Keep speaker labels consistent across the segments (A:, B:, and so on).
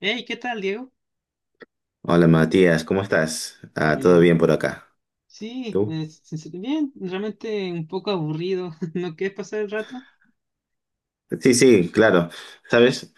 A: Hey, ¿qué tal, Diego?
B: Hola Matías, ¿cómo estás? Ah, ¿todo
A: Eh,
B: bien por acá?
A: sí,
B: ¿Tú?
A: bien, realmente un poco aburrido. ¿No quieres pasar el rato?
B: Sí, sí, claro. ¿Sabes?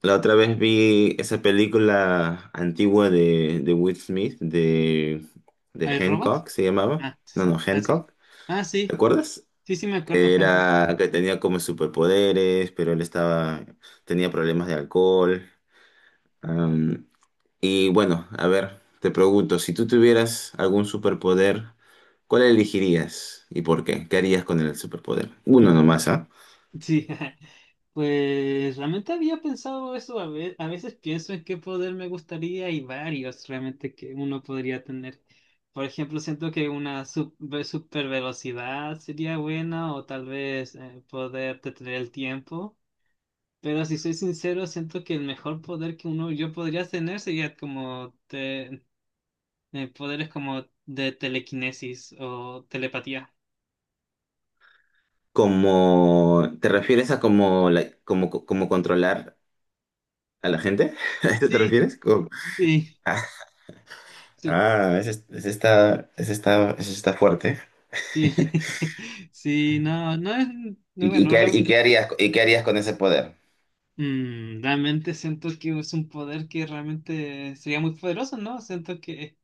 B: La otra vez vi esa película antigua de Will Smith, de
A: ¿Al robot?
B: Hancock, se llamaba.
A: Ah,
B: No,
A: sí, sí,
B: no,
A: ah, sí.
B: Hancock.
A: Ah,
B: ¿Te
A: sí,
B: acuerdas?
A: sí, sí, me acuerdo,
B: Que
A: Hancock.
B: era que tenía como superpoderes, pero él estaba, tenía problemas de alcohol. Y bueno, a ver, te pregunto, si tú tuvieras algún superpoder, ¿cuál elegirías y por qué? ¿Qué harías con el superpoder? Uno
A: Mm,
B: nomás, ¿ah?
A: Sí. Pues realmente había pensado eso. A veces pienso en qué poder me gustaría y varios realmente que uno podría tener. Por ejemplo, siento que una super velocidad sería buena o tal vez poder detener el tiempo. Pero si soy sincero, siento que el mejor poder que uno yo podría tener sería como poderes como de telequinesis o telepatía.
B: Como, ¿te refieres a como, como, como controlar a la gente? ¿A eso te
A: Sí,
B: refieres? Como...
A: sí,
B: Ah,
A: sí,
B: ah, ese está fuerte.
A: sí. Sí, no, no es, no,
B: ¿Y, y
A: bueno,
B: qué,
A: re-
B: y qué harías, y qué harías con ese poder?
A: mm, realmente siento que es un poder que realmente sería muy poderoso, ¿no? Siento que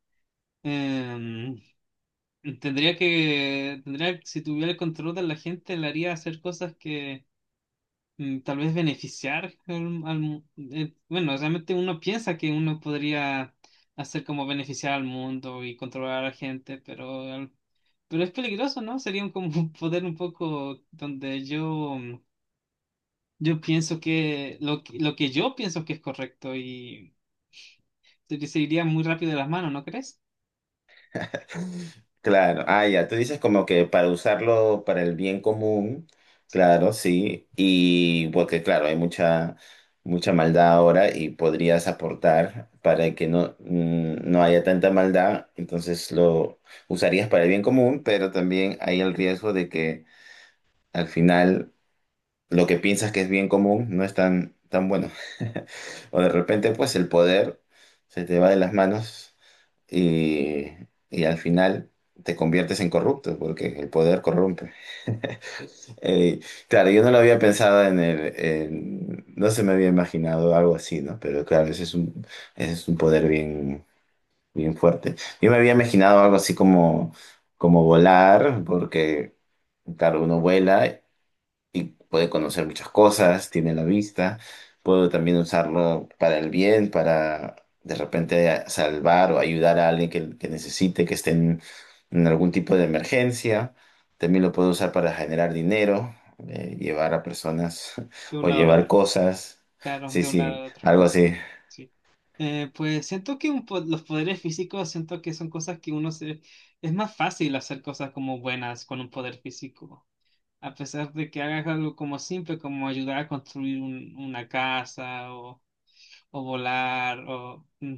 A: em, tendría, si tuviera el control de la gente, le haría hacer cosas que mm, tal vez beneficiar al- al mu- bueno, realmente uno piensa que uno podría hacer como beneficiar al mundo y controlar a la gente, pero es peligroso, ¿no? Como un poder un poco donde yo pienso que yo pienso que es correcto y se iría muy rápido de las manos, ¿no crees?
B: Claro, ah, ya, tú dices como que para usarlo para el bien común, claro, sí, y porque claro, hay mucha, mucha maldad ahora y podrías aportar para que no, no haya tanta maldad, entonces lo usarías para el bien común, pero también hay el riesgo de que al final lo que piensas que es bien común no es tan, tan bueno. O de repente, pues el poder se te va de las manos y, y al final te conviertes en corrupto, porque el poder corrompe. Eh, claro, yo no lo había pensado en el, no se me había imaginado algo así, ¿no? Pero claro, ese es un poder bien, bien fuerte. Yo me había imaginado algo así como, como volar, porque, claro, uno vuela y puede conocer muchas cosas, tiene la vista, puedo también usarlo para el bien, para de repente salvar o ayudar a alguien que necesite, que esté en algún tipo de emergencia. También lo puedo usar para generar dinero, llevar a personas
A: De un
B: o
A: lado al
B: llevar
A: otro.
B: cosas.
A: Claro,
B: Sí,
A: de un lado
B: sí,
A: al otro.
B: algo así.
A: Sí. Pues siento que los poderes físicos, siento que son cosas que uno se... Es más fácil hacer cosas como buenas con un poder físico, a pesar de que hagas algo como simple, como ayudar a construir una casa o volar o... mm,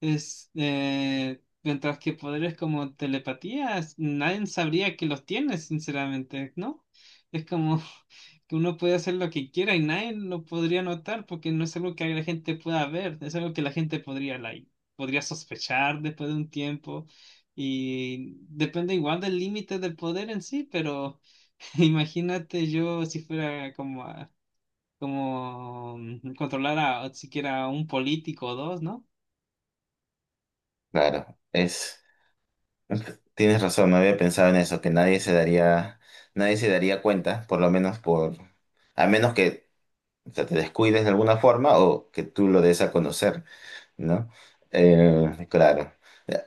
A: es, eh, mientras que poderes como telepatías, nadie sabría que los tiene, sinceramente, ¿no? Es como que uno puede hacer lo que quiera y nadie lo podría notar porque no es algo que la gente pueda ver, es algo que la gente podría, like, podría sospechar después de un tiempo y depende igual del límite del poder en sí, pero imagínate yo si fuera como controlar a siquiera a un político o dos, ¿no?
B: Claro, es, tienes razón, no había pensado en eso, que nadie se daría, nadie se daría cuenta, por lo menos por, a menos que o sea, te descuides de alguna forma o que tú lo des a conocer, ¿no? Claro.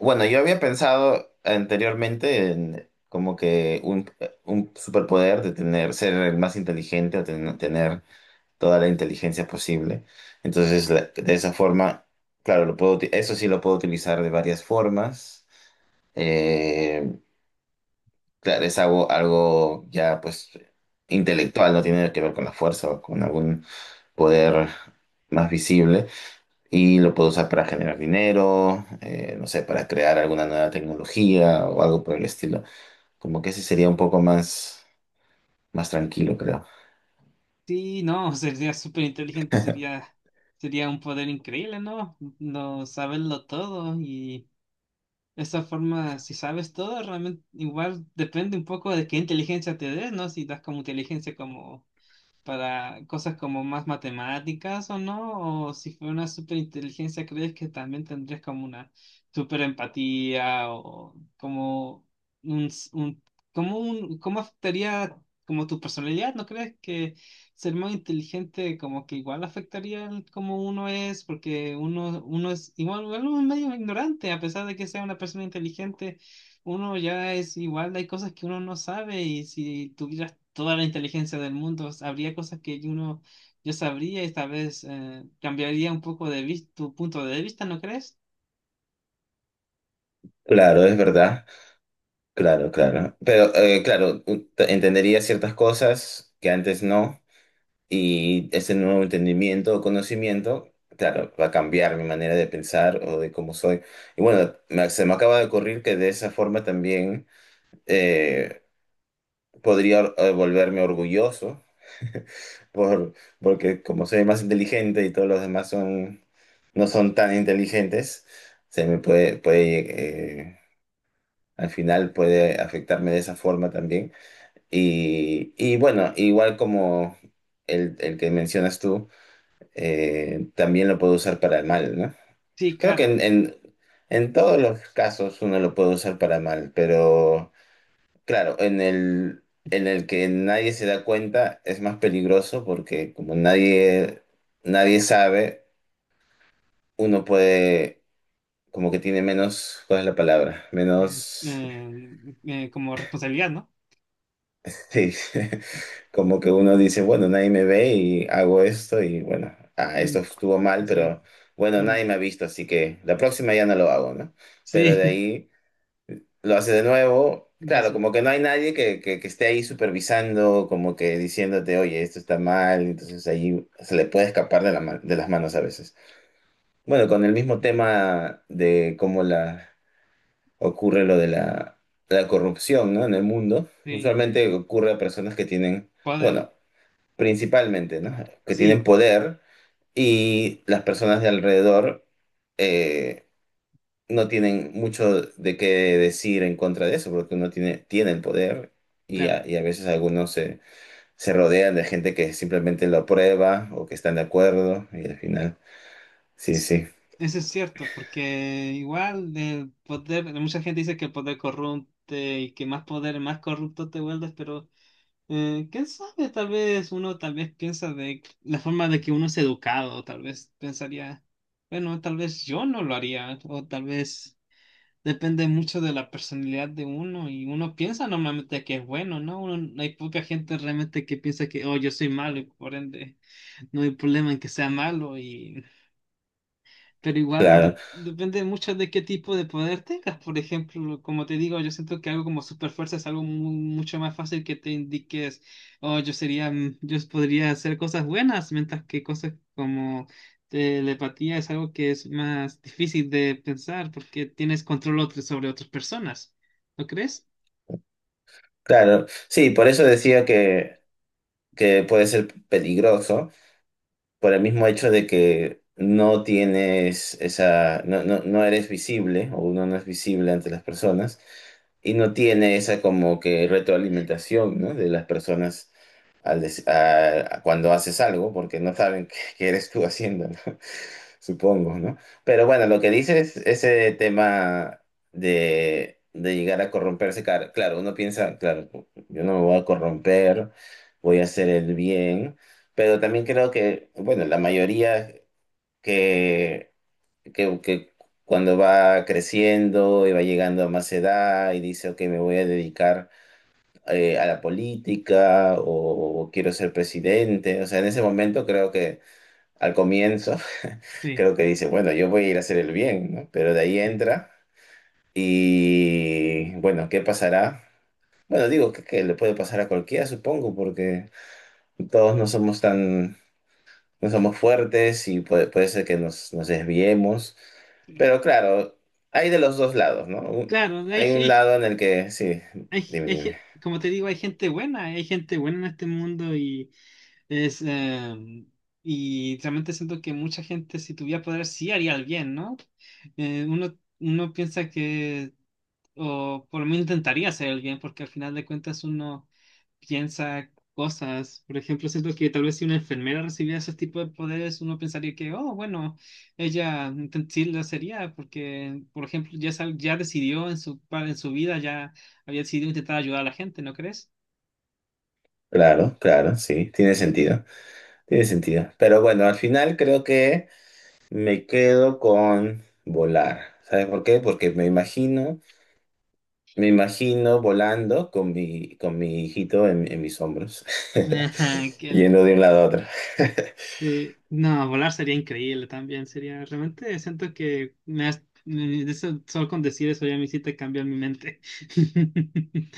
B: Bueno, yo había pensado anteriormente en como que un superpoder de tener, ser el más inteligente o tener toda la inteligencia posible. Entonces, de esa forma, claro, lo puedo, eso sí lo puedo utilizar de varias formas. Eh, Claro, es algo, algo ya pues intelectual, no tiene que ver con la fuerza o con algún poder más visible. Y lo puedo usar para generar dinero, no sé, para crear alguna nueva tecnología o algo por el estilo. Como que ese sería un poco más, más tranquilo, creo.
A: Sí, no, sería súper inteligente, sería un poder increíble, ¿no? No saberlo todo y esa forma, si sabes todo, realmente igual depende un poco de qué inteligencia te des, ¿no? Si das como inteligencia como para cosas como más matemáticas o no, o si fuera una superinteligencia, ¿crees que también tendrías como una superempatía o como un, s- un- como un, cómo afectaría como tu personalidad? ¿No crees que ser muy inteligente como que igual afectaría el cómo uno es? Porque uno es igual, igual uno es medio ignorante, a pesar de que sea una persona inteligente, uno ya es igual, hay cosas que uno no sabe y si tuvieras toda la inteligencia del mundo, habría cosas que uno yo sabría y tal vez cambiaría un poco de tu punto de vista, ¿no crees?
B: Claro, es verdad. Claro, claro. Pero claro, entendería ciertas cosas que antes no. Y ese nuevo entendimiento o conocimiento, claro, va a cambiar mi manera de pensar o de cómo soy. Y bueno, se me acaba de ocurrir que de esa forma también eh, podría volverme orgulloso, por, porque como soy más inteligente y todos los demás son, no son tan inteligentes, se me puede, puede al final puede afectarme de esa forma también. Y bueno, igual como el que mencionas tú también lo puedo usar para el mal, ¿no?
A: Sí,
B: Creo que
A: claro.
B: en todos los casos uno lo puede usar para mal, pero claro, en el que nadie se da cuenta es más peligroso porque como nadie, nadie sabe, uno puede, como que tiene menos, ¿cuál es la palabra?
A: eh,
B: Menos...
A: eh, Como responsabilidad, ¿no?
B: Sí, como que uno dice, bueno, nadie me ve y hago esto y bueno, ah, esto
A: Mm,
B: estuvo mal,
A: sí.
B: pero bueno,
A: Mm,
B: nadie me ha visto, así que la próxima ya no lo hago, ¿no? Pero de
A: sí.
B: ahí lo hace de nuevo,
A: Lo
B: claro,
A: sé.
B: como que no hay nadie que esté ahí supervisando, como que diciéndote, oye, esto está mal, entonces ahí se le puede escapar de de las manos a veces. Bueno, con el mismo tema de cómo la, ocurre lo de la, la corrupción, ¿no? En el mundo,
A: Sí,
B: usualmente ocurre a personas que tienen...
A: poder.
B: Bueno, principalmente, ¿no? Que tienen
A: Sí,
B: poder y las personas de alrededor eh, no tienen mucho de qué decir en contra de eso, porque uno tiene, tiene el poder
A: claro.
B: y a veces algunos se, se rodean de gente que simplemente lo aprueba o que están de acuerdo y al final, sí,
A: Sí.
B: sí,
A: Eso es cierto, porque igual el poder, mucha gente dice que el poder corrompe y que más poder, más corrupto te vuelves, pero ¿quién sabe? Tal vez uno tal vez piensa de la forma de que uno es educado, tal vez pensaría, bueno, tal vez yo no lo haría, o tal vez depende mucho de la personalidad de uno y uno piensa normalmente que es bueno, ¿no? Uno- hay poca gente realmente que piensa que, oh, yo soy malo y por ende no hay problema en que sea malo, pero igual
B: claro,
A: depende mucho de qué tipo de poder tengas. Por ejemplo, como te digo, yo siento que algo como super fuerza es algo mucho más fácil que te indiques, oh, yo podría hacer cosas buenas, mientras que cosas como telepatía es algo que es más difícil de pensar porque tienes control sobre otras personas. ¿No crees?
B: claro, sí, por eso decía que puede ser peligroso. Por el mismo hecho de que no tienes esa, no, no, no eres visible o uno no es visible ante las personas, y no tiene esa como que retroalimentación, ¿no? De las personas al des- a- cuando haces algo, porque no saben qué, qué eres tú haciendo, ¿no? Supongo, ¿no? Pero bueno, lo que dices, ese tema de llegar a corromperse, claro, uno piensa, claro, yo no me voy a corromper, voy a hacer el bien, pero también creo que, bueno, la mayoría que que cuando va creciendo y va llegando a más edad y dice, ok, me voy a dedicar a la política o quiero ser presidente. O sea, en ese momento creo que al comienzo,
A: Sí.
B: creo que dice, bueno, yo voy a ir a hacer el bien, ¿no? Pero de ahí entra y bueno, ¿qué pasará? Bueno, digo que le puede pasar a cualquiera, supongo, porque todos no somos tan no somos fuertes y puede, puede ser que nos, nos desviemos. Pero claro, hay de los dos lados, ¿no? Un...
A: Claro,
B: Hay un lado en el que, sí, dime,
A: hay
B: dime.
A: como te digo, hay gente buena en este mundo y es y realmente siento que mucha gente si tuviera poder sí haría el bien, ¿no? Eh, uno, Uno piensa que, o por lo menos intentaría hacer el bien, porque al final de cuentas uno piensa cosas. Por ejemplo, siento que tal vez si una enfermera recibiera ese tipo de poderes, uno pensaría que, oh, bueno, ella sí lo sería, porque, por ejemplo, ya, ya decidió en su, en su vida, ya había decidido intentar ayudar a la gente, ¿no crees?
B: Claro, claro, sí, tiene sentido, tiene sentido. Pero bueno, al final creo que me quedo con volar. ¿Sabes por qué? Porque me imagino volando con mi hijito en mis hombros,
A: Qué.
B: yendo de un lado a otro.
A: Sí, no, volar sería increíble también, sería realmente siento que me has- me- eso- solo con decir eso ya me hiciste cambiar mi mente.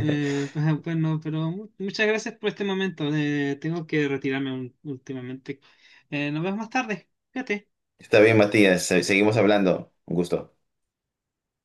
A: Bueno, pero muchas gracias por este momento. Tengo que retirarme últimamente. Nos vemos más tarde. Fíjate.
B: Está bien, Matías, seguimos hablando. Un gusto.